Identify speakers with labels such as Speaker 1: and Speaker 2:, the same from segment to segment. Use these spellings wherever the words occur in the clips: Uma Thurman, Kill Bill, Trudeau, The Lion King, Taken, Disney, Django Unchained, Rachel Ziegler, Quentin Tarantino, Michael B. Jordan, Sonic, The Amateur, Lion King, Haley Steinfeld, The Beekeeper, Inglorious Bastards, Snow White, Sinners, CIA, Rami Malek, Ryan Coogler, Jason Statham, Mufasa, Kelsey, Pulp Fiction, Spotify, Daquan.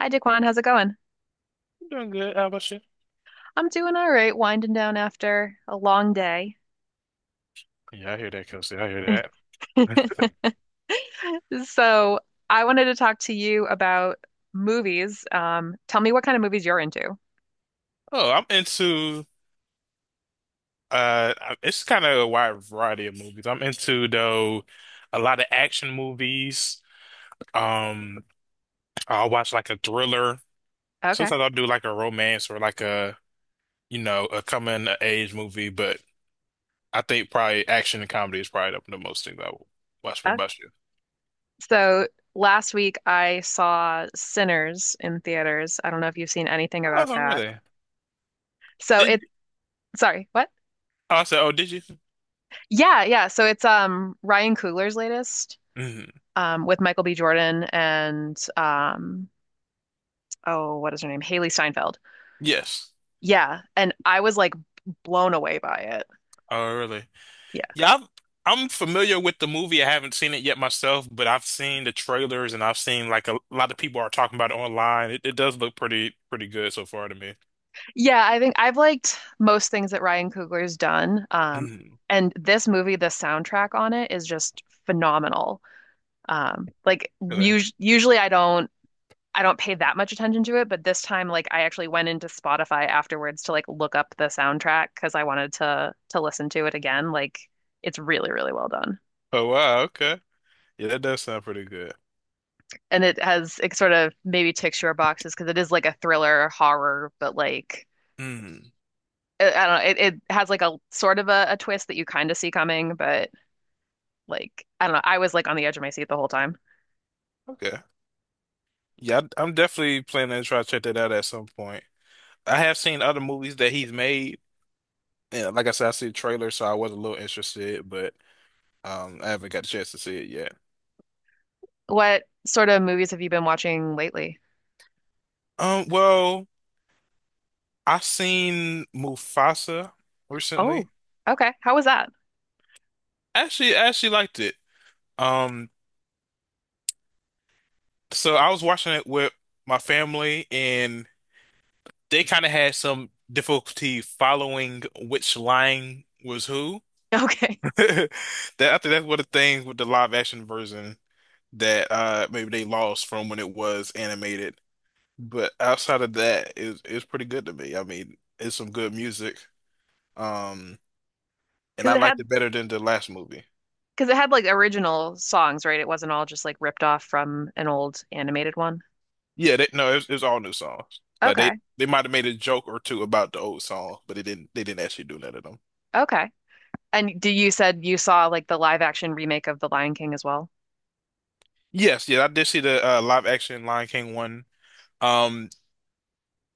Speaker 1: Hi, Daquan. How's it going?
Speaker 2: I'm doing good. How about you?
Speaker 1: I'm doing all right, winding down after a long day.
Speaker 2: Yeah, I hear that, Kelsey. I hear that.
Speaker 1: So, I wanted to talk to you about movies. Tell me what kind of movies you're into.
Speaker 2: Oh, I'm into it's kind of a wide variety of movies. I'm into though a lot of action movies. Um I'll watch like a thriller.
Speaker 1: Okay.
Speaker 2: Sometimes I'll do like a romance or like a a coming of age movie, but I think probably action and comedy is probably the most things I will watch. What
Speaker 1: Uh,
Speaker 2: about you?
Speaker 1: so, Last week I saw Sinners in theaters. I don't know if you've seen anything about
Speaker 2: Oh,
Speaker 1: that.
Speaker 2: really?
Speaker 1: So,
Speaker 2: Did
Speaker 1: sorry, what?
Speaker 2: I said, oh, did you?
Speaker 1: Yeah, yeah. So, it's Ryan Coogler's latest
Speaker 2: Mhm.
Speaker 1: with Michael B. Jordan and oh, what is her name? Haley Steinfeld.
Speaker 2: Yes.
Speaker 1: Yeah, and I was like blown away by it.
Speaker 2: Oh, really?
Speaker 1: Yeah.
Speaker 2: Yeah, I've, I'm familiar with the movie. I haven't seen it yet myself, but I've seen the trailers and I've seen like a lot of people are talking about it online. It does look pretty pretty good so far to me.
Speaker 1: Yeah, I think I've liked most things that Ryan Coogler's done.
Speaker 2: Mm,
Speaker 1: And this movie, the soundtrack on it is just phenomenal. Like
Speaker 2: okay.
Speaker 1: us Usually I don't pay that much attention to it, but this time like I actually went into Spotify afterwards to like look up the soundtrack because I wanted to listen to it again. Like it's really, really well done.
Speaker 2: Oh wow, okay. Yeah, that does sound pretty good.
Speaker 1: And it has it sort of maybe ticks your boxes because it is like a thriller horror, but like
Speaker 2: Mm,
Speaker 1: I don't know. It has like a sort of a twist that you kind of see coming, but like I don't know. I was like on the edge of my seat the whole time.
Speaker 2: okay. Am definitely planning to try to check that out at some point. I have seen other movies that he's made. Yeah, like I said, I see the trailer, so I was a little interested, but I haven't got a chance to see it yet.
Speaker 1: What sort of movies have you been watching lately?
Speaker 2: Um, well, I seen Mufasa recently.
Speaker 1: Oh, okay. How was that?
Speaker 2: I actually liked it. Um, so I was watching it with my family, and they kind of had some difficulty following which line was who.
Speaker 1: Okay.
Speaker 2: That I think that's one of the things with the live action version that maybe they lost from when it was animated. But outside of that, it's pretty good to me. I mean, it's some good music. Um, and I
Speaker 1: Because it
Speaker 2: liked
Speaker 1: had
Speaker 2: it better than the last movie.
Speaker 1: because it had like original songs, right? It wasn't all just like ripped off from an old animated one.
Speaker 2: No, it was, all new songs. Like
Speaker 1: Okay.
Speaker 2: they might have made a joke or two about the old song, but they didn't actually do none of them.
Speaker 1: Okay. And do you said you saw like the live action remake of The Lion King as well?
Speaker 2: Yes, yeah, I did see the live action Lion King one. Um,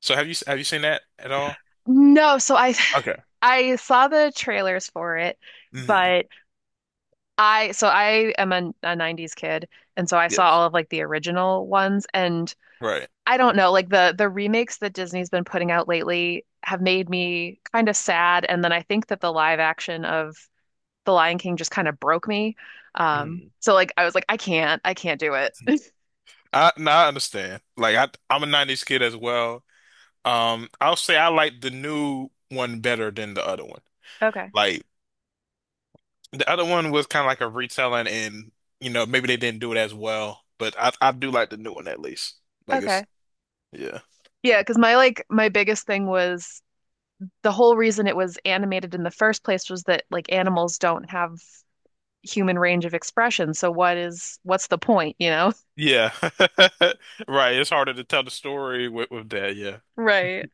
Speaker 2: so have you seen that at all?
Speaker 1: No, so
Speaker 2: Okay.
Speaker 1: I saw the trailers for it,
Speaker 2: Hmm.
Speaker 1: but I am a 90s kid and so I saw
Speaker 2: Yes.
Speaker 1: all of like the original ones and
Speaker 2: Right.
Speaker 1: I don't know like the remakes that Disney's been putting out lately have made me kind of sad, and then I think that the live action of The Lion King just kind of broke me.
Speaker 2: Hmm.
Speaker 1: So like I was like I can't do it.
Speaker 2: I no, I understand. I'm a 90s kid as well. I'll say I like the new one better than the other one.
Speaker 1: Okay.
Speaker 2: Like the other one was kind of like a retelling and maybe they didn't do it as well, but I do like the new one at least. Like it's
Speaker 1: Okay.
Speaker 2: Yeah.
Speaker 1: Yeah, because my biggest thing was the whole reason it was animated in the first place was that like animals don't have human range of expression. So what's the point, you know?
Speaker 2: Yeah. Right. It's harder to tell the story with that. Yeah.
Speaker 1: Right.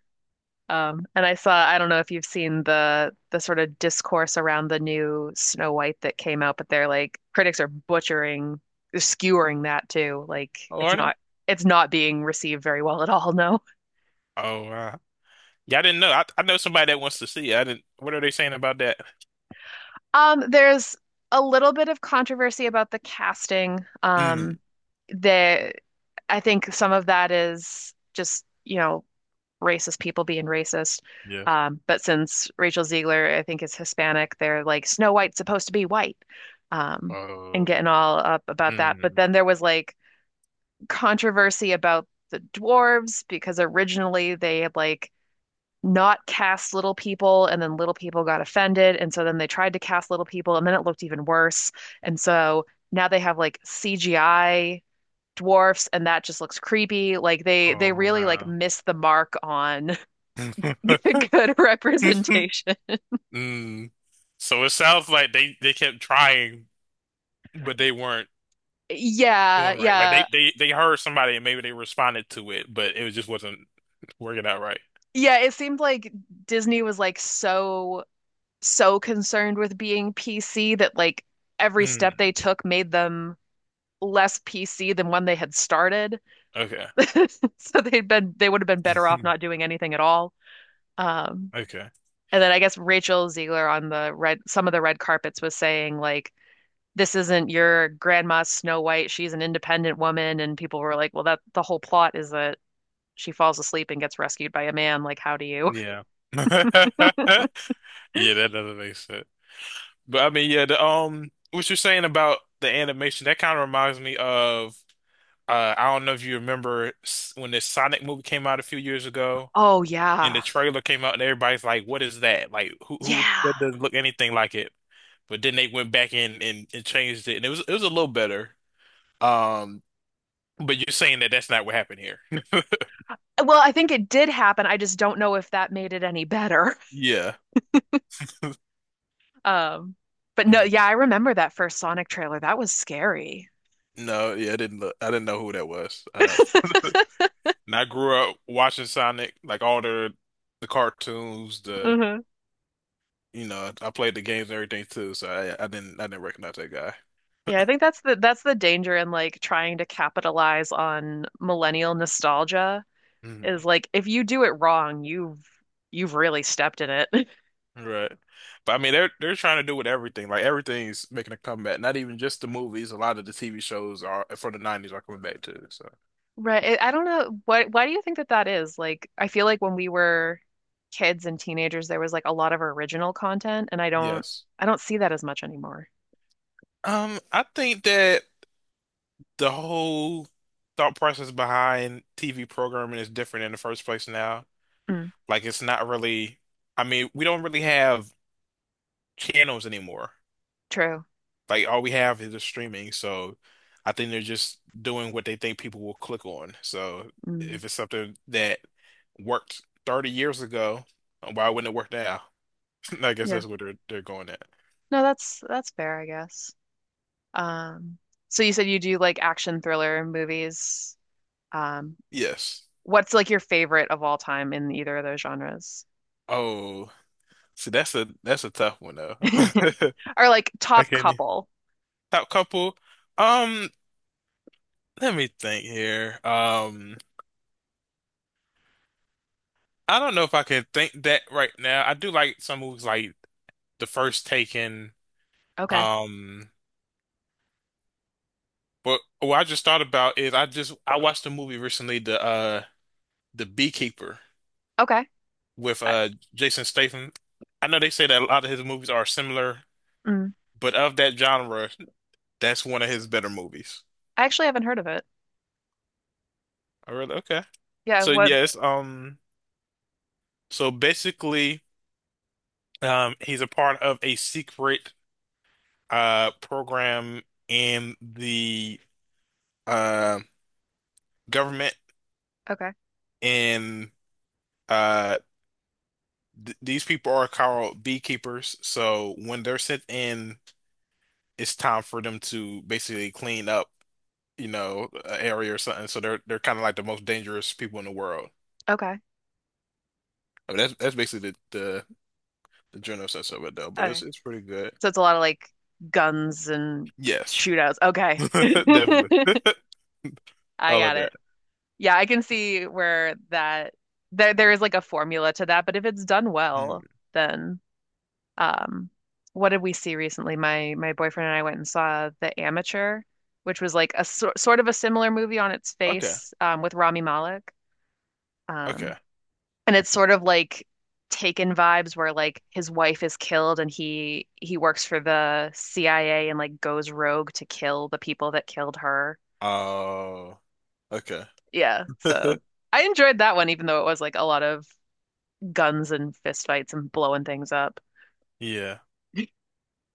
Speaker 1: And I saw, I don't know if you've seen the sort of discourse around the new Snow White that came out, but they're like critics are skewering that too. Like
Speaker 2: Oh, are they?
Speaker 1: it's not being received very well at all, no.
Speaker 2: Oh, wow. Yeah, I didn't know. I know somebody that wants to see it. I didn't. What are they saying about that?
Speaker 1: There's a little bit of controversy about the casting.
Speaker 2: Mm.
Speaker 1: The I think some of that is just, you know, racist people being racist.
Speaker 2: Yes.
Speaker 1: But since Rachel Ziegler, I think, is Hispanic, they're like, Snow White's supposed to be white, um, and
Speaker 2: Uh,
Speaker 1: getting all up about that. But
Speaker 2: mm.
Speaker 1: then there was like controversy about the dwarves because originally they had like not cast little people, and then little people got offended. And so then they tried to cast little people, and then it looked even worse. And so now they have like CGI dwarfs and that just looks creepy. Like they
Speaker 2: Oh,
Speaker 1: really like
Speaker 2: wow.
Speaker 1: missed the mark on good, good representation.
Speaker 2: Mm. So it sounds like they kept trying, but they weren't
Speaker 1: Yeah,
Speaker 2: doing right. Like
Speaker 1: yeah.
Speaker 2: they heard somebody and maybe they responded to it, but it just wasn't working out right.
Speaker 1: Yeah, it seemed like Disney was like so concerned with being PC that like every step
Speaker 2: Mm.
Speaker 1: they took made them less PC than when they had started.
Speaker 2: Okay.
Speaker 1: So they would have been better off not doing anything at all. Um
Speaker 2: Okay.
Speaker 1: and then I guess Rachel Ziegler on the red some of the red carpets was saying like this isn't your grandma Snow White, she's an independent woman, and people were like, well that the whole plot is that she falls asleep and gets rescued by a man. Like, how do you?
Speaker 2: Yeah. Yeah, that doesn't make sense. But I mean, yeah, the what you're saying about the animation, that kind of reminds me of I don't know if you remember when this Sonic movie came out a few years ago,
Speaker 1: Oh,
Speaker 2: and the
Speaker 1: yeah.
Speaker 2: trailer came out, and everybody's like, "What is that? Like, who
Speaker 1: Yeah.
Speaker 2: that doesn't look anything like it." But then they went back in and changed it, and it was a little better. Um, but you're saying that that's not what happened here.
Speaker 1: Well, I think it did happen. I just don't know if that made it any better.
Speaker 2: Yeah.
Speaker 1: Um, but no,
Speaker 2: Mm.
Speaker 1: yeah, I remember that first Sonic trailer. That was scary.
Speaker 2: No, yeah, I didn't look. I didn't know who that was. I don't. And I grew up watching Sonic, like all the cartoons, the
Speaker 1: Mm-hmm.
Speaker 2: I played the games and everything too, so I didn't recognize that guy.
Speaker 1: Yeah, I think that's the danger in like trying to capitalize on millennial nostalgia
Speaker 2: Mhm.
Speaker 1: is like if you do it wrong, you've really stepped in it.
Speaker 2: Right. But I mean they're trying to do with everything. Like everything's making a comeback. Not even just the movies, a lot of the TV shows are for the 90s are coming back too. So
Speaker 1: Right. I don't know what why do you think that that is? Like I feel like when we were kids and teenagers there was like a lot of original content, and
Speaker 2: yes.
Speaker 1: I don't see that as much anymore.
Speaker 2: I think that the whole thought process behind TV programming is different in the first place now.
Speaker 1: Mm,
Speaker 2: Like it's not really I mean, we don't really have channels anymore.
Speaker 1: true.
Speaker 2: Like all we have is the streaming. So I think they're just doing what they think people will click on. So
Speaker 1: Mm,
Speaker 2: if it's something that worked 30 years ago, why wouldn't it work now? I guess
Speaker 1: yeah.
Speaker 2: that's where they're going at.
Speaker 1: No, that's fair, I guess. Um so you said you do like action thriller movies. Um
Speaker 2: Yes.
Speaker 1: what's like your favorite of all time in either of those genres?
Speaker 2: Oh, see, that's a tough one though.
Speaker 1: Or like
Speaker 2: I
Speaker 1: top
Speaker 2: can't. E-
Speaker 1: couple.
Speaker 2: Top couple. Um, let me think here. I don't know if I can think that right now. I do like some movies like The First Taken.
Speaker 1: Okay.
Speaker 2: Um, But what I just thought about is I watched a movie recently, the Beekeeper
Speaker 1: Okay.
Speaker 2: with
Speaker 1: I,
Speaker 2: Jason Statham. I know they say that a lot of his movies are similar,
Speaker 1: mm,
Speaker 2: but of that genre, that's one of his better movies.
Speaker 1: I actually haven't heard of it.
Speaker 2: Oh, really? Okay.
Speaker 1: Yeah,
Speaker 2: So
Speaker 1: what
Speaker 2: yes, so basically, he's a part of a secret program in the uh government,
Speaker 1: okay.
Speaker 2: and uh th these people are called beekeepers. So when they're sent in it's time for them to basically clean up, you know, an area or something. So they're kind of like the most dangerous people in the world.
Speaker 1: Okay.
Speaker 2: I mean, that's basically the general sense of it though. But
Speaker 1: Okay.
Speaker 2: it's pretty good.
Speaker 1: So it's a lot of like guns and
Speaker 2: Yes,
Speaker 1: shootouts. Okay.
Speaker 2: definitely.
Speaker 1: I
Speaker 2: All of
Speaker 1: got
Speaker 2: that.
Speaker 1: it. Yeah, I can see where that there is like a formula to that, but if it's done well,
Speaker 2: Mm.
Speaker 1: then um what did we see recently? My boyfriend and I went and saw The Amateur, which was like a sort of a similar movie on its
Speaker 2: Okay.
Speaker 1: face with Rami Malek.
Speaker 2: Okay.
Speaker 1: Um And it's sort of like Taken vibes where like his wife is killed and he works for the CIA and like goes rogue to kill the people that killed her.
Speaker 2: Oh. Okay.
Speaker 1: Yeah, so I enjoyed that one even though it was like a lot of guns and fistfights and blowing things up.
Speaker 2: Yeah.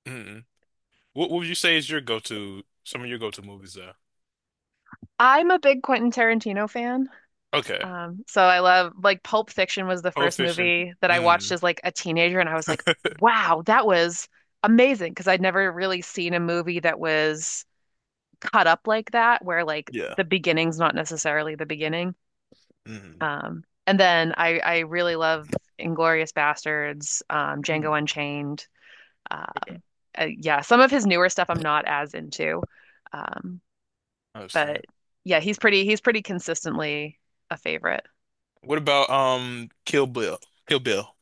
Speaker 2: Mm-mm. What would you say is your go-to? Some of your go-to movies though.
Speaker 1: I'm a big Quentin Tarantino fan.
Speaker 2: Okay.
Speaker 1: So I love like Pulp Fiction was the
Speaker 2: Pulp
Speaker 1: first
Speaker 2: Fiction.
Speaker 1: movie that I watched
Speaker 2: Mm.
Speaker 1: as like a teenager, and I was like, wow, that was amazing because I'd never really seen a movie that was cut up like that where like
Speaker 2: Yeah.
Speaker 1: the beginning's not necessarily the beginning.
Speaker 2: Mm.
Speaker 1: And then I really love Inglorious Bastards, Django
Speaker 2: Mm.
Speaker 1: Unchained.
Speaker 2: Okay.
Speaker 1: Um, yeah, some of his newer stuff I'm not as into. Um,
Speaker 2: I
Speaker 1: but
Speaker 2: understand.
Speaker 1: yeah, he's pretty consistently a favorite.
Speaker 2: What about Kill Bill? Kill Bill.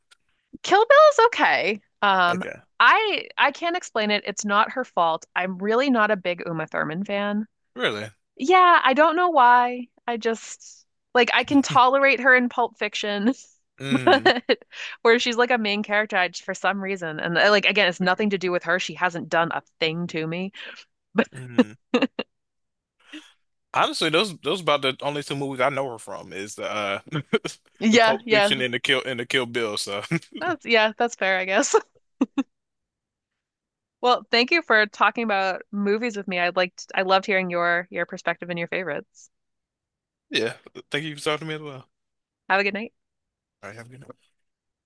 Speaker 1: Kill Bill is okay.
Speaker 2: Okay.
Speaker 1: I can't explain it. It's not her fault. I'm really not a big Uma Thurman fan.
Speaker 2: Really?
Speaker 1: Yeah, I don't know why. I just like I can tolerate her in Pulp Fiction,
Speaker 2: Mm.
Speaker 1: but where she's like a main character, I just for some reason, and like again, it's
Speaker 2: Okay.
Speaker 1: nothing to do with her. She hasn't done a thing to me. But
Speaker 2: Mm. Honestly, those about the only two movies I know her from is the the
Speaker 1: yeah,
Speaker 2: Pulp Fiction and the Kill Bill. So
Speaker 1: yeah, that's fair, I guess. Well, thank you for talking about movies with me. I loved hearing your perspective and your favorites.
Speaker 2: yeah, thank you for talking to me as well.
Speaker 1: Have a good night.
Speaker 2: All right, have a good night.